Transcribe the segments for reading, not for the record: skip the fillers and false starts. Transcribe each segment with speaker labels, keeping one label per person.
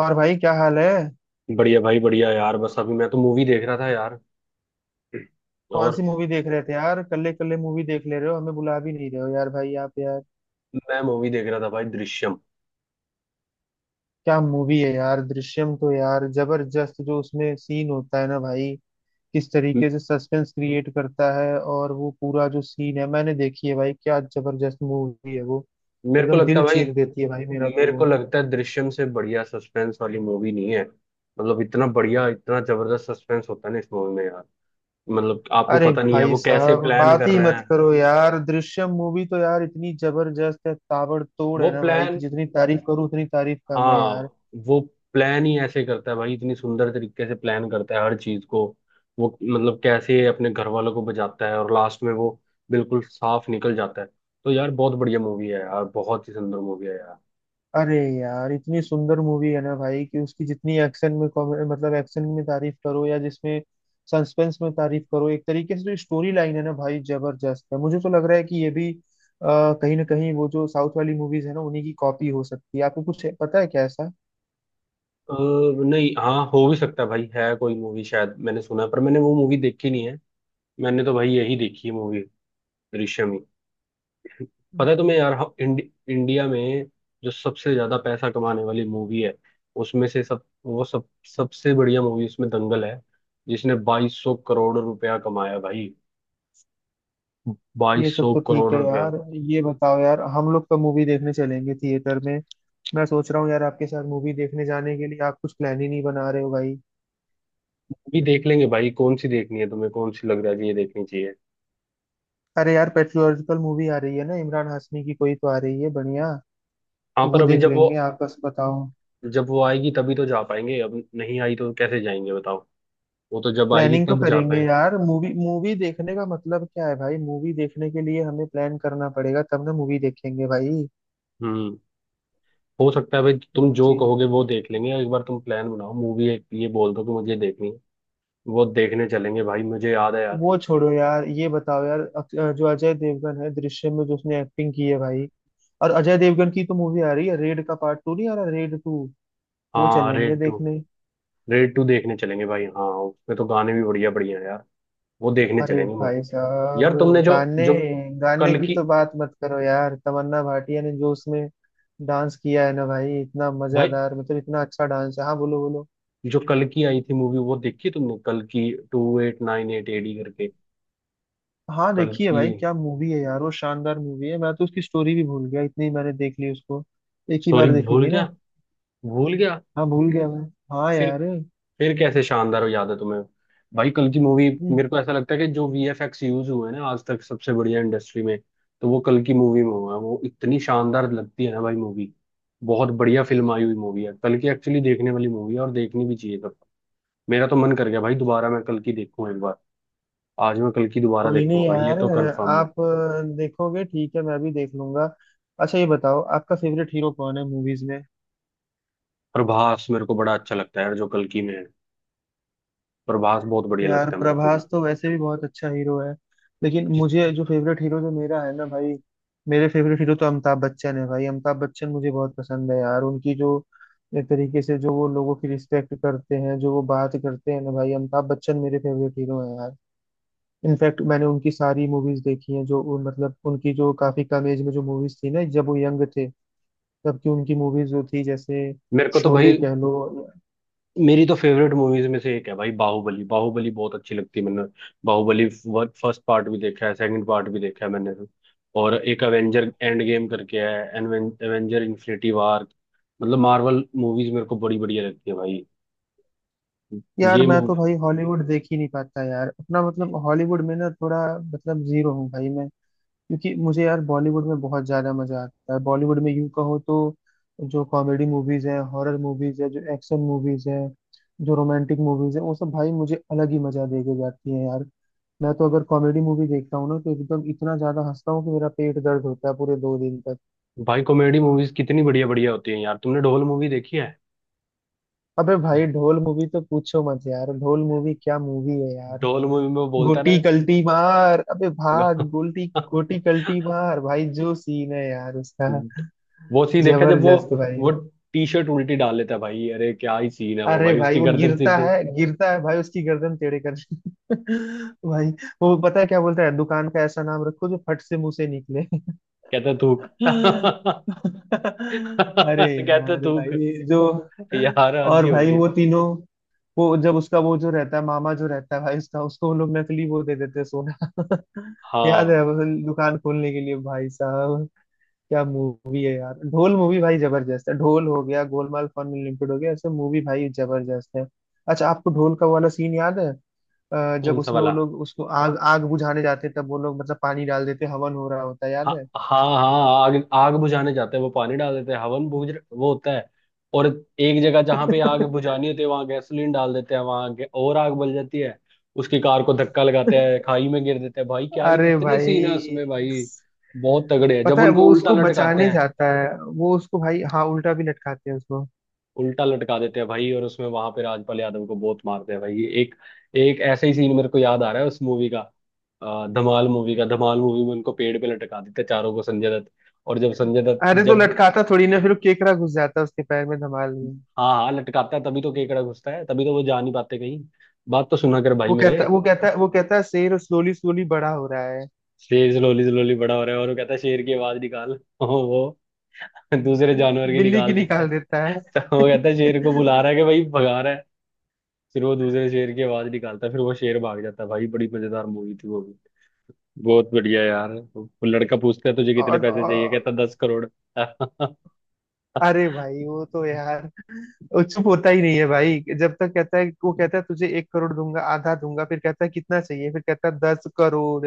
Speaker 1: और भाई क्या हाल है।
Speaker 2: बढ़िया भाई, बढ़िया यार। बस अभी मैं तो मूवी देख रहा था यार।
Speaker 1: कौन सी
Speaker 2: और
Speaker 1: मूवी देख रहे थे यार। कल्ले कल्ले मूवी देख ले रहे हो हमें बुला भी नहीं रहे हो यार भाई आप यार।
Speaker 2: मैं मूवी देख रहा था भाई, दृश्यम।
Speaker 1: क्या मूवी है यार दृश्यम तो यार जबरदस्त। जो उसमें सीन होता है ना भाई किस
Speaker 2: म-
Speaker 1: तरीके से सस्पेंस क्रिएट करता है और वो पूरा जो सीन है मैंने देखी है भाई। क्या जबरदस्त मूवी है वो।
Speaker 2: मेरे को
Speaker 1: एकदम
Speaker 2: लगता
Speaker 1: दिल
Speaker 2: है भाई,
Speaker 1: चीर देती है भाई मेरा तो
Speaker 2: मेरे को
Speaker 1: वो।
Speaker 2: लगता है दृश्यम से बढ़िया सस्पेंस वाली मूवी नहीं है। मतलब इतना बढ़िया, इतना जबरदस्त सस्पेंस होता है ना इस मूवी में यार। मतलब आपको
Speaker 1: अरे
Speaker 2: पता नहीं है
Speaker 1: भाई
Speaker 2: वो कैसे
Speaker 1: साहब
Speaker 2: प्लान
Speaker 1: बात
Speaker 2: कर
Speaker 1: ही
Speaker 2: रहे
Speaker 1: मत
Speaker 2: हैं।
Speaker 1: करो यार। दृश्यम मूवी तो यार इतनी जबरदस्त है ताबड़तोड़
Speaker 2: वो
Speaker 1: है ना भाई कि
Speaker 2: प्लान
Speaker 1: जितनी तारीफ करूं उतनी तारीफ कम है
Speaker 2: हाँ
Speaker 1: यार।
Speaker 2: वो प्लान ही ऐसे करता है भाई, इतनी सुंदर तरीके से प्लान करता है हर चीज को। वो मतलब कैसे अपने घर वालों को बचाता है, और लास्ट में वो बिल्कुल साफ निकल जाता है। तो यार बहुत बढ़िया मूवी है यार, बहुत ही सुंदर मूवी है यार।
Speaker 1: अरे यार इतनी सुंदर मूवी है ना भाई कि उसकी जितनी एक्शन में मतलब एक्शन में तारीफ करो या जिसमें सस्पेंस में तारीफ करो। एक तरीके से जो स्टोरी लाइन है ना भाई जबरदस्त है। मुझे तो लग रहा है कि ये भी कहीं ना कहीं वो जो साउथ वाली मूवीज है ना उन्हीं की कॉपी हो सकती है। आपको कुछ पता है क्या ऐसा।
Speaker 2: अ, नहीं, हाँ हो भी सकता है भाई, है कोई मूवी शायद, मैंने सुना है, पर मैंने वो मूवी देखी नहीं है। मैंने तो भाई यही देखी है मूवी, दृश्यम ही। पता है तुम्हें यार, इंडिया में जो सबसे ज्यादा पैसा कमाने वाली मूवी है, उसमें से सब वो सब सबसे बढ़िया मूवी उसमें दंगल है, जिसने 2200 करोड़ रुपया कमाया भाई।
Speaker 1: ये सब
Speaker 2: 2200
Speaker 1: तो
Speaker 2: करोड़
Speaker 1: ठीक है
Speaker 2: रुपया।
Speaker 1: यार। ये बताओ यार हम लोग कब मूवी देखने चलेंगे थिएटर में। मैं सोच रहा हूँ यार आपके साथ मूवी देखने जाने के लिए आप कुछ प्लान ही नहीं बना रहे हो भाई।
Speaker 2: भी देख लेंगे भाई, कौन सी देखनी है तुम्हें, कौन सी लग रहा है कि ये देखनी चाहिए।
Speaker 1: अरे यार पेट्रियोटिकल मूवी आ रही है ना इमरान हाशमी की कोई तो आ रही है बढ़िया।
Speaker 2: हाँ
Speaker 1: तो
Speaker 2: पर
Speaker 1: वो
Speaker 2: अभी
Speaker 1: देख लेंगे आपस बताओ।
Speaker 2: जब वो आएगी तभी तो जा पाएंगे, अब नहीं आई तो कैसे जाएंगे बताओ। वो तो जब आएगी
Speaker 1: प्लानिंग तो
Speaker 2: तब जा
Speaker 1: करेंगे
Speaker 2: पाएंगे।
Speaker 1: यार। मूवी मूवी देखने का मतलब क्या है भाई। मूवी देखने के लिए हमें प्लान करना पड़ेगा तब ना मूवी देखेंगे भाई।
Speaker 2: हम्म, हो सकता है भाई, तुम
Speaker 1: वही
Speaker 2: जो
Speaker 1: चीज है।
Speaker 2: कहोगे वो देख लेंगे। एक बार तुम प्लान बनाओ मूवी एक, ये बोल दो कि मुझे देखनी है, वो देखने चलेंगे भाई। मुझे याद है यार।
Speaker 1: वो छोड़ो यार। ये बताओ यार जो अजय देवगन है दृश्यम में जो उसने एक्टिंग की है भाई। और अजय देवगन की तो मूवी आ रही है रेड का पार्ट 2। नहीं आ रहा रेड 2। वो
Speaker 2: हाँ,
Speaker 1: चलेंगे
Speaker 2: रेड टू।
Speaker 1: देखने।
Speaker 2: रेड टू देखने चलेंगे भाई। हाँ उसमें तो गाने भी बढ़िया बढ़िया हैं यार। वो देखने
Speaker 1: अरे
Speaker 2: चलेंगे वो।
Speaker 1: भाई साहब
Speaker 2: यार तुमने जो
Speaker 1: गाने
Speaker 2: जो
Speaker 1: गाने
Speaker 2: कल
Speaker 1: की
Speaker 2: की,
Speaker 1: तो बात मत करो यार। तमन्ना भाटिया ने जो उसमें डांस किया है ना भाई इतना
Speaker 2: भाई
Speaker 1: मजेदार मतलब इतना अच्छा डांस है। हाँ बोलो बोलो।
Speaker 2: जो कल की आई थी मूवी, वो देखी तुमने? कल की, two eight nine eight AD करके।
Speaker 1: हाँ
Speaker 2: कल
Speaker 1: देखिए
Speaker 2: की
Speaker 1: भाई क्या मूवी है यार। वो शानदार मूवी है। मैं तो उसकी स्टोरी भी भूल गया इतनी मैंने देख ली उसको। एक ही
Speaker 2: स्टोरी
Speaker 1: बार देखी
Speaker 2: भूल
Speaker 1: थी
Speaker 2: गया?
Speaker 1: ना।
Speaker 2: भूल गया?
Speaker 1: हाँ भूल गया मैं। हाँ
Speaker 2: फिर
Speaker 1: यार।
Speaker 2: फिर कैसे शानदार याद है तुम्हें? भाई कल की मूवी, मेरे को ऐसा लगता है कि जो वीएफएक्स यूज हुए हैं ना आज तक सबसे बढ़िया इंडस्ट्री में, तो वो कल की मूवी में हुआ है। वो इतनी शानदार लगती है ना भाई मूवी। बहुत बढ़िया फिल्म आई हुई, मूवी है कल की। एक्चुअली देखने वाली मूवी है, और देखनी भी चाहिए सबको। मेरा तो मन कर गया भाई दोबारा मैं कल की देखूं एक बार। आज मैं कल की दोबारा
Speaker 1: कोई नहीं
Speaker 2: देखूंगा भाई, ये
Speaker 1: यार।
Speaker 2: तो कंफर्म है।
Speaker 1: आप देखोगे ठीक है मैं भी देख लूंगा। अच्छा ये बताओ आपका फेवरेट हीरो कौन है मूवीज में।
Speaker 2: प्रभास मेरे को बड़ा अच्छा लगता है यार, जो कल की में है। प्रभास बहुत बढ़िया
Speaker 1: यार
Speaker 2: लगता है मेरे को
Speaker 1: प्रभास
Speaker 2: का।
Speaker 1: तो वैसे भी बहुत अच्छा हीरो है। लेकिन मुझे
Speaker 2: जिस-
Speaker 1: जो फेवरेट हीरो जो मेरा है ना भाई मेरे फेवरेट हीरो तो अमिताभ बच्चन है भाई। अमिताभ बच्चन मुझे बहुत पसंद है यार। उनकी जो एक तरीके से जो वो लोगों की रिस्पेक्ट करते हैं जो वो बात करते हैं ना भाई अमिताभ बच्चन मेरे फेवरेट हीरो हैं यार। इनफैक्ट मैंने उनकी सारी मूवीज देखी हैं जो उन मतलब उनकी जो काफी कम एज में जो मूवीज थी ना जब वो यंग थे तब की उनकी मूवीज जो थी जैसे
Speaker 2: मेरे को तो
Speaker 1: शोले
Speaker 2: भाई,
Speaker 1: कह लो।
Speaker 2: मेरी तो फेवरेट मूवीज में से एक है भाई, बाहुबली। बाहुबली बहुत अच्छी लगती है। मैंने बाहुबली फर्स्ट पार्ट भी देखा है, सेकंड पार्ट भी देखा है मैंने। और एक एवेंजर एंड गेम करके है, एवेंजर इन्फिनिटी वार। मतलब मार्वल मूवीज मेरे को बड़ी बढ़िया लगती है भाई।
Speaker 1: यार
Speaker 2: ये
Speaker 1: मैं तो
Speaker 2: मूवी।
Speaker 1: भाई हॉलीवुड देख ही नहीं पाता यार। अपना मतलब हॉलीवुड में ना थोड़ा मतलब जीरो हूँ भाई मैं। क्योंकि मुझे यार बॉलीवुड में बहुत ज्यादा मजा आता है। बॉलीवुड में यूं कहो तो जो कॉमेडी मूवीज है हॉरर मूवीज है जो एक्शन मूवीज है जो रोमांटिक मूवीज है वो सब भाई मुझे अलग ही मजा दे के जाती है यार। मैं तो अगर कॉमेडी मूवी देखता हूँ ना तो एकदम इतना ज्यादा हंसता हूँ कि मेरा पेट दर्द होता है पूरे 2 दिन तक।
Speaker 2: भाई कॉमेडी मूवीज कितनी बढ़िया बढ़िया होती है यार। तुमने ढोल मूवी देखी है?
Speaker 1: अबे भाई ढोल मूवी तो पूछो मत यार। ढोल मूवी क्या मूवी है यार।
Speaker 2: ढोल मूवी में वो बोलता है
Speaker 1: गोटी कल्टी मार अबे
Speaker 2: ना।
Speaker 1: भाग गोल्टी। गोटी कल्टी मार भाई जो सीन है यार उसका।
Speaker 2: वो सीन देखा जब वो
Speaker 1: जबरदस्त भाई।
Speaker 2: वो टी शर्ट उल्टी डाल लेता है भाई, अरे क्या ही सीन है वो
Speaker 1: अरे
Speaker 2: भाई,
Speaker 1: भाई
Speaker 2: उसकी
Speaker 1: वो
Speaker 2: गर्दन सीधी।
Speaker 1: गिरता है भाई उसकी गर्दन टेढ़े कर भाई। वो पता है क्या बोलता है। दुकान का ऐसा नाम रखो जो फट से मुंह से निकले।
Speaker 2: कहता थूक।
Speaker 1: अरे
Speaker 2: कहता
Speaker 1: यार
Speaker 2: थूक।
Speaker 1: भाई जो
Speaker 2: यार हद
Speaker 1: और
Speaker 2: ही
Speaker 1: भाई
Speaker 2: होगी।
Speaker 1: वो तीनों वो जब उसका वो जो रहता है मामा जो रहता है भाई उसका उसको वो लोग नकली वो दे देते हैं सोना याद है
Speaker 2: हाँ,
Speaker 1: वो दुकान खोलने के लिए भाई साहब। क्या मूवी है यार ढोल मूवी भाई जबरदस्त है। ढोल हो गया गोलमाल फन लिमिटेड हो गया ऐसे मूवी भाई जबरदस्त है। अच्छा आपको ढोल का वो वाला सीन याद है जब
Speaker 2: कौन सा
Speaker 1: उसमें वो
Speaker 2: वाला?
Speaker 1: लोग उसको आग आग बुझाने जाते हैं, तब वो लोग मतलब पानी डाल देते हैं, हवन हो रहा होता है याद
Speaker 2: हाँ
Speaker 1: है।
Speaker 2: हाँ हाँ, आग आग बुझाने जाते हैं वो, पानी डाल देते हैं, हवन बुझ वो होता है। और एक जगह जहां पे आग बुझानी होती है वहां गैसोलीन डाल देते हैं, और आग बल जाती है। उसकी कार को धक्का लगाते हैं, खाई में गिर देते हैं भाई। क्या ही
Speaker 1: अरे
Speaker 2: कितने सीन है उसमें
Speaker 1: भाई
Speaker 2: भाई, बहुत तगड़े हैं। जब
Speaker 1: पता है
Speaker 2: उनको
Speaker 1: वो
Speaker 2: उल्टा
Speaker 1: उसको
Speaker 2: लटकाते
Speaker 1: बचाने
Speaker 2: हैं,
Speaker 1: जाता है वो उसको भाई। हाँ उल्टा भी लटकाते हैं उसको।
Speaker 2: उल्टा लटका देते हैं भाई, और उसमें वहां पे राजपाल यादव को बहुत मारते हैं भाई। ये एक एक ऐसा ही सीन मेरे को याद आ रहा है उस मूवी का। धमाल मूवी का, धमाल मूवी में उनको पेड़ पे लटका देते हैं चारों को, संजय दत्त। और जब संजय दत्त
Speaker 1: अरे तो
Speaker 2: जब,
Speaker 1: लटकाता थोड़ी ना फिर वो केकड़ा घुस जाता है उसके पैर में धमाल में।
Speaker 2: हाँ हाँ लटकाता है, तभी तो केकड़ा घुसता है, तभी तो वो जा नहीं पाते कहीं। बात तो सुना कर भाई
Speaker 1: वो
Speaker 2: मेरे।
Speaker 1: कहता वो कहता वो कहता है शेर स्लोली स्लोली बड़ा हो रहा है।
Speaker 2: शेर जलोली जलोली बड़ा हो रहा है, और वो कहता है शेर की आवाज निकाल। और वो दूसरे जानवर की
Speaker 1: बिल्ली की
Speaker 2: निकाल देता
Speaker 1: निकाल देता
Speaker 2: है।
Speaker 1: है
Speaker 2: तो वो कहता है शेर को बुला रहा है कि भाई भगा रहा है। फिर वो दूसरे शेर की आवाज निकालता है, फिर वो शेर भाग जाता है भाई। बड़ी मजेदार मूवी थी वो भी। बहुत बढ़िया यार। वो लड़का पूछता है तुझे कितने
Speaker 1: और,
Speaker 2: पैसे चाहिए,
Speaker 1: और
Speaker 2: कहता दस करोड़।
Speaker 1: अरे भाई वो तो यार वो चुप होता ही नहीं है भाई। जब तक कहता है वो कहता है तुझे 1 करोड़ दूंगा आधा दूंगा फिर कहता है कितना चाहिए फिर कहता है 10 करोड़।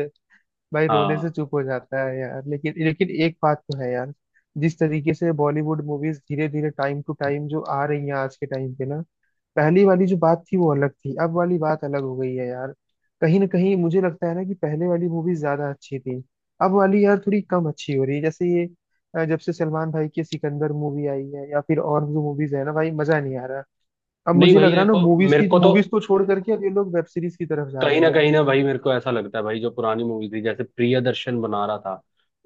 Speaker 1: भाई रोने से
Speaker 2: हाँ।
Speaker 1: चुप हो जाता है यार। लेकिन लेकिन एक बात तो है यार। जिस तरीके से बॉलीवुड मूवीज धीरे धीरे टाइम टू टाइम जो आ रही हैं आज के टाइम पे ना पहली वाली जो बात थी वो अलग थी अब वाली बात अलग हो गई है यार। कहीं ना कहीं मुझे लगता है ना कि पहले वाली मूवी ज्यादा अच्छी थी अब वाली यार थोड़ी कम अच्छी हो रही है। जैसे ये जब से सलमान भाई की सिकंदर मूवी आई है या फिर और जो मूवीज है ना भाई मजा नहीं आ रहा। अब
Speaker 2: नहीं
Speaker 1: मुझे
Speaker 2: भाई
Speaker 1: लग रहा है ना
Speaker 2: देखो,
Speaker 1: मूवीज
Speaker 2: मेरे
Speaker 1: की
Speaker 2: को तो
Speaker 1: मूवीज को छोड़ करके अब ये लोग वेब सीरीज की तरफ जा रहे हैं।
Speaker 2: कहीं ना भाई, मेरे को ऐसा लगता है भाई, जो पुरानी मूवी थी जैसे प्रियदर्शन बना रहा था,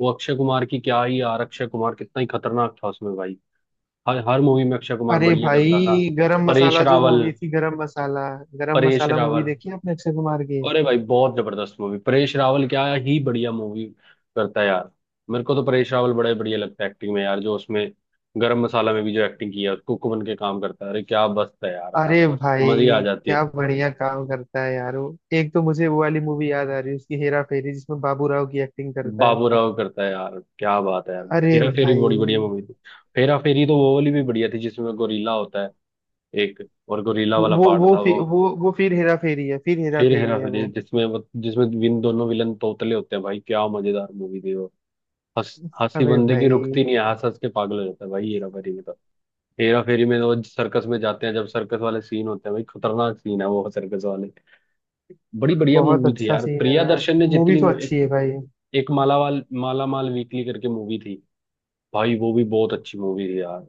Speaker 2: वो अक्षय कुमार की। क्या ही यार, अक्षय कुमार कितना ही खतरनाक था उसमें भाई। हर हर मूवी में अक्षय कुमार
Speaker 1: अरे
Speaker 2: बढ़िया
Speaker 1: भाई
Speaker 2: करता था।
Speaker 1: गरम
Speaker 2: परेश
Speaker 1: मसाला जो
Speaker 2: रावल।
Speaker 1: मूवी थी गरम
Speaker 2: परेश
Speaker 1: मसाला मूवी
Speaker 2: रावल
Speaker 1: देखी है आपने अक्षय कुमार की।
Speaker 2: अरे भाई बहुत जबरदस्त मूवी, परेश रावल क्या ही बढ़िया मूवी करता है यार। मेरे को तो परेश रावल बड़ा ही बढ़िया लगता है एक्टिंग में यार, जो उसमें गरम मसाला में भी जो एक्टिंग किया, कुक बन के काम करता है, अरे क्या मस्त है यार। हाँ,
Speaker 1: अरे
Speaker 2: मजी आ
Speaker 1: भाई
Speaker 2: जाती है।
Speaker 1: क्या बढ़िया काम करता है यार वो। एक तो मुझे वो वाली मूवी याद आ रही है उसकी हेरा फेरी जिसमें बाबू राव की एक्टिंग करता है।
Speaker 2: बाबूराव करता है यार, क्या बात है यार,
Speaker 1: अरे
Speaker 2: हेरा फेरी
Speaker 1: भाई
Speaker 2: बड़ी बढ़िया मूवी थी। हेरा फेरी तो वो वाली भी बढ़िया थी जिसमें गोरीला होता है, एक। और गोरीला वाला
Speaker 1: वो
Speaker 2: पार्ट
Speaker 1: वो
Speaker 2: था वो।
Speaker 1: फिर वो फिर हेरा फेरी है फिर हेरा
Speaker 2: फिर
Speaker 1: फेरी
Speaker 2: हेरा
Speaker 1: है
Speaker 2: फेरी,
Speaker 1: वो।
Speaker 2: जिसमें विन दोनों विलन तोतले होते हैं भाई, क्या मजेदार मूवी थी वो। हंस हंसी
Speaker 1: अबे
Speaker 2: बंदे की
Speaker 1: भाई
Speaker 2: रुकती नहीं है, हंस हंस के पागल हो जाता है भाई हेरा फेरी में तो। हेरा फेरी में तो वो सर्कस में जाते हैं, जब सर्कस वाले सीन होते हैं भाई, खतरनाक सीन है वो सर्कस वाले। बड़ी बढ़िया
Speaker 1: बहुत
Speaker 2: मूवी थी
Speaker 1: अच्छा
Speaker 2: यार,
Speaker 1: सीन है
Speaker 2: प्रिया
Speaker 1: यार।
Speaker 2: दर्शन ने
Speaker 1: मूवी
Speaker 2: जितनी
Speaker 1: तो अच्छी है भाई।
Speaker 2: एक मालावाल माला माल वीकली करके मूवी थी, भाई वो भी बहुत अच्छी मूवी थी यार।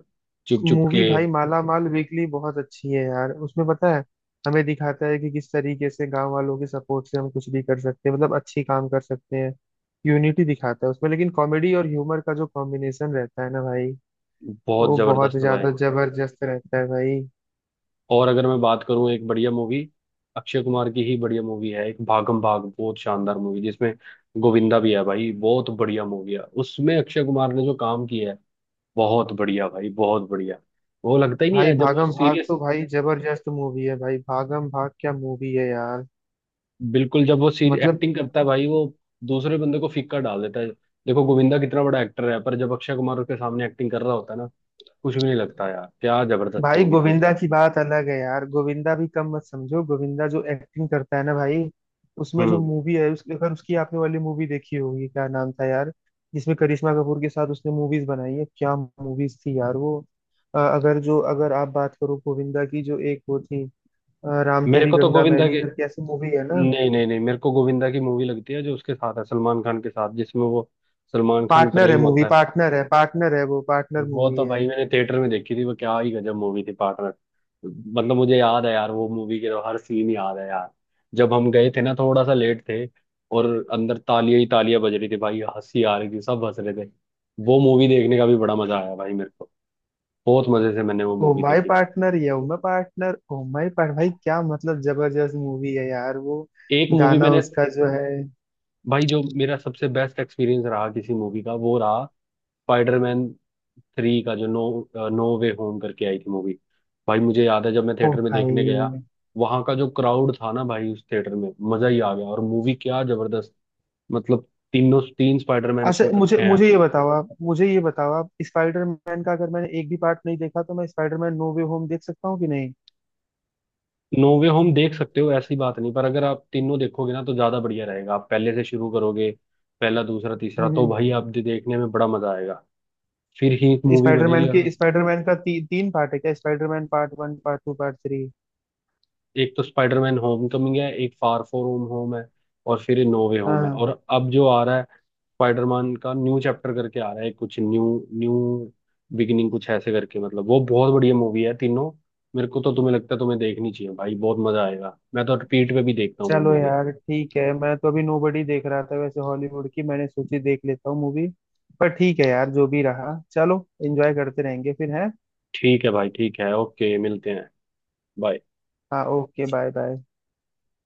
Speaker 2: चुप चुप के,
Speaker 1: मूवी भाई माला माल वीकली बहुत अच्छी है यार। उसमें पता है हमें दिखाता है कि किस तरीके से गांव वालों के सपोर्ट से हम कुछ भी कर सकते हैं मतलब अच्छी काम कर सकते हैं। यूनिटी दिखाता है उसमें लेकिन कॉमेडी और ह्यूमर का जो कॉम्बिनेशन रहता है ना भाई
Speaker 2: बहुत
Speaker 1: वो बहुत
Speaker 2: जबरदस्त भाई।
Speaker 1: ज्यादा जबरदस्त रहता है भाई।
Speaker 2: और अगर मैं बात करूं एक बढ़िया मूवी, अक्षय कुमार की ही बढ़िया मूवी है एक, भागम भाग। बहुत शानदार मूवी, जिसमें गोविंदा भी है भाई। बहुत बढ़िया मूवी है, उसमें अक्षय कुमार ने जो काम किया है, बहुत बढ़िया भाई, बहुत बढ़िया। वो लगता ही नहीं
Speaker 1: भाई
Speaker 2: है जब वो
Speaker 1: भागम भाग
Speaker 2: सीरियस,
Speaker 1: तो भाई जबरदस्त मूवी है। भाई भागम भाग क्या मूवी है यार
Speaker 2: बिल्कुल, जब वो सीरियस
Speaker 1: मतलब।
Speaker 2: एक्टिंग करता है भाई, वो दूसरे बंदे को फीका डाल देता है। देखो गोविंदा कितना बड़ा एक्टर है, पर जब अक्षय कुमार उसके सामने एक्टिंग कर रहा होता है ना, कुछ भी नहीं लगता यार। क्या जबरदस्त
Speaker 1: भाई
Speaker 2: मूवी थी यार।
Speaker 1: गोविंदा की बात अलग है यार। गोविंदा भी कम मत समझो गोविंदा जो एक्टिंग करता है ना भाई उसमें जो
Speaker 2: हम्म,
Speaker 1: मूवी है। उसके अगर उसकी आपने वाली मूवी देखी होगी क्या नाम था यार जिसमें करिश्मा कपूर के साथ उसने मूवीज बनाई है। क्या मूवीज थी यार वो। अगर जो अगर आप बात करो गोविंदा की जो एक वो थी राम
Speaker 2: मेरे
Speaker 1: तेरी
Speaker 2: को तो
Speaker 1: गंगा
Speaker 2: गोविंदा
Speaker 1: मैली
Speaker 2: के,
Speaker 1: करके ऐसी मूवी है ना।
Speaker 2: नहीं नहीं नहीं, मेरे को गोविंदा की मूवी लगती है जो उसके साथ है, सलमान खान के साथ, जिसमें वो सलमान खान
Speaker 1: पार्टनर है
Speaker 2: प्रेम
Speaker 1: मूवी
Speaker 2: होता है।
Speaker 1: पार्टनर है वो पार्टनर
Speaker 2: वो
Speaker 1: मूवी
Speaker 2: तो
Speaker 1: है।
Speaker 2: भाई मैंने थिएटर में देखी थी, वो क्या ही गजब मूवी थी पार्टनर। मतलब मुझे याद है यार, वो मूवी के तो हर सीन याद है यार। जब हम गए थे ना थोड़ा सा लेट थे, और अंदर तालियां ही तालियां बज रही थी भाई, हंसी आ रही थी, सब हंस रहे थे। वो मूवी देखने का भी बड़ा मजा आया भाई मेरे को, बहुत मजे से मैंने वो
Speaker 1: ओ
Speaker 2: मूवी
Speaker 1: माय
Speaker 2: देखी।
Speaker 1: पार्टनर या oh my partner oh my part भाई क्या मतलब जबरदस्त मूवी है यार वो।
Speaker 2: एक मूवी
Speaker 1: गाना
Speaker 2: मैंने,
Speaker 1: उसका जो है।
Speaker 2: भाई जो मेरा सबसे बेस्ट एक्सपीरियंस रहा किसी मूवी का, वो रहा स्पाइडरमैन थ्री का, जो नो नो वे होम करके आई थी मूवी। भाई मुझे याद है जब मैं
Speaker 1: ओ
Speaker 2: थिएटर में देखने गया,
Speaker 1: भाई
Speaker 2: वहां का जो क्राउड था ना भाई, उस थिएटर में मजा ही आ गया। और मूवी क्या जबरदस्त, मतलब तीनों, तीन स्पाइडरमैन
Speaker 1: अच्छा
Speaker 2: उसमें
Speaker 1: मुझे
Speaker 2: इकट्ठे हैं।
Speaker 1: मुझे ये बताओ आप मुझे ये बताओ आप स्पाइडरमैन का अगर मैंने एक भी पार्ट नहीं देखा तो मैं स्पाइडरमैन नो वे होम देख सकता हूँ कि नहीं।
Speaker 2: नो वे होम देख सकते हो, ऐसी बात नहीं, पर अगर आप तीनों देखोगे ना तो ज्यादा बढ़िया रहेगा, आप पहले से शुरू करोगे। पहला, दूसरा, तीसरा, तो
Speaker 1: हम्म।
Speaker 2: भाई आप देखने में बड़ा मजा आएगा, फिर ही मूवी बनेगी
Speaker 1: स्पाइडरमैन
Speaker 2: यार।
Speaker 1: के स्पाइडरमैन का तीन पार्ट है क्या स्पाइडरमैन पार्ट 1 पार्ट 2 पार्ट 3।
Speaker 2: एक तो स्पाइडरमैन होमकमिंग है, एक फार फोर होम होम है, और फिर नो वे होम है।
Speaker 1: हाँ
Speaker 2: और अब जो आ रहा है स्पाइडरमैन का, न्यू चैप्टर करके आ रहा है कुछ, न्यू न्यू बिगिनिंग कुछ ऐसे करके। मतलब वो बहुत बढ़िया मूवी है तीनों, मेरे को तो। तुम्हें लगता है तुम्हें देखनी चाहिए भाई, बहुत मजा आएगा। मैं तो रिपीट पे भी देखता हूँ वो
Speaker 1: चलो
Speaker 2: मूवी।
Speaker 1: यार ठीक है। मैं तो अभी नोबडी देख रहा था। वैसे हॉलीवुड की मैंने सोची देख लेता हूँ मूवी। पर ठीक है यार जो भी रहा चलो एंजॉय करते रहेंगे फिर है।
Speaker 2: ठीक है भाई, ठीक है, ओके, मिलते हैं। बाय।
Speaker 1: हाँ ओके बाय बाय।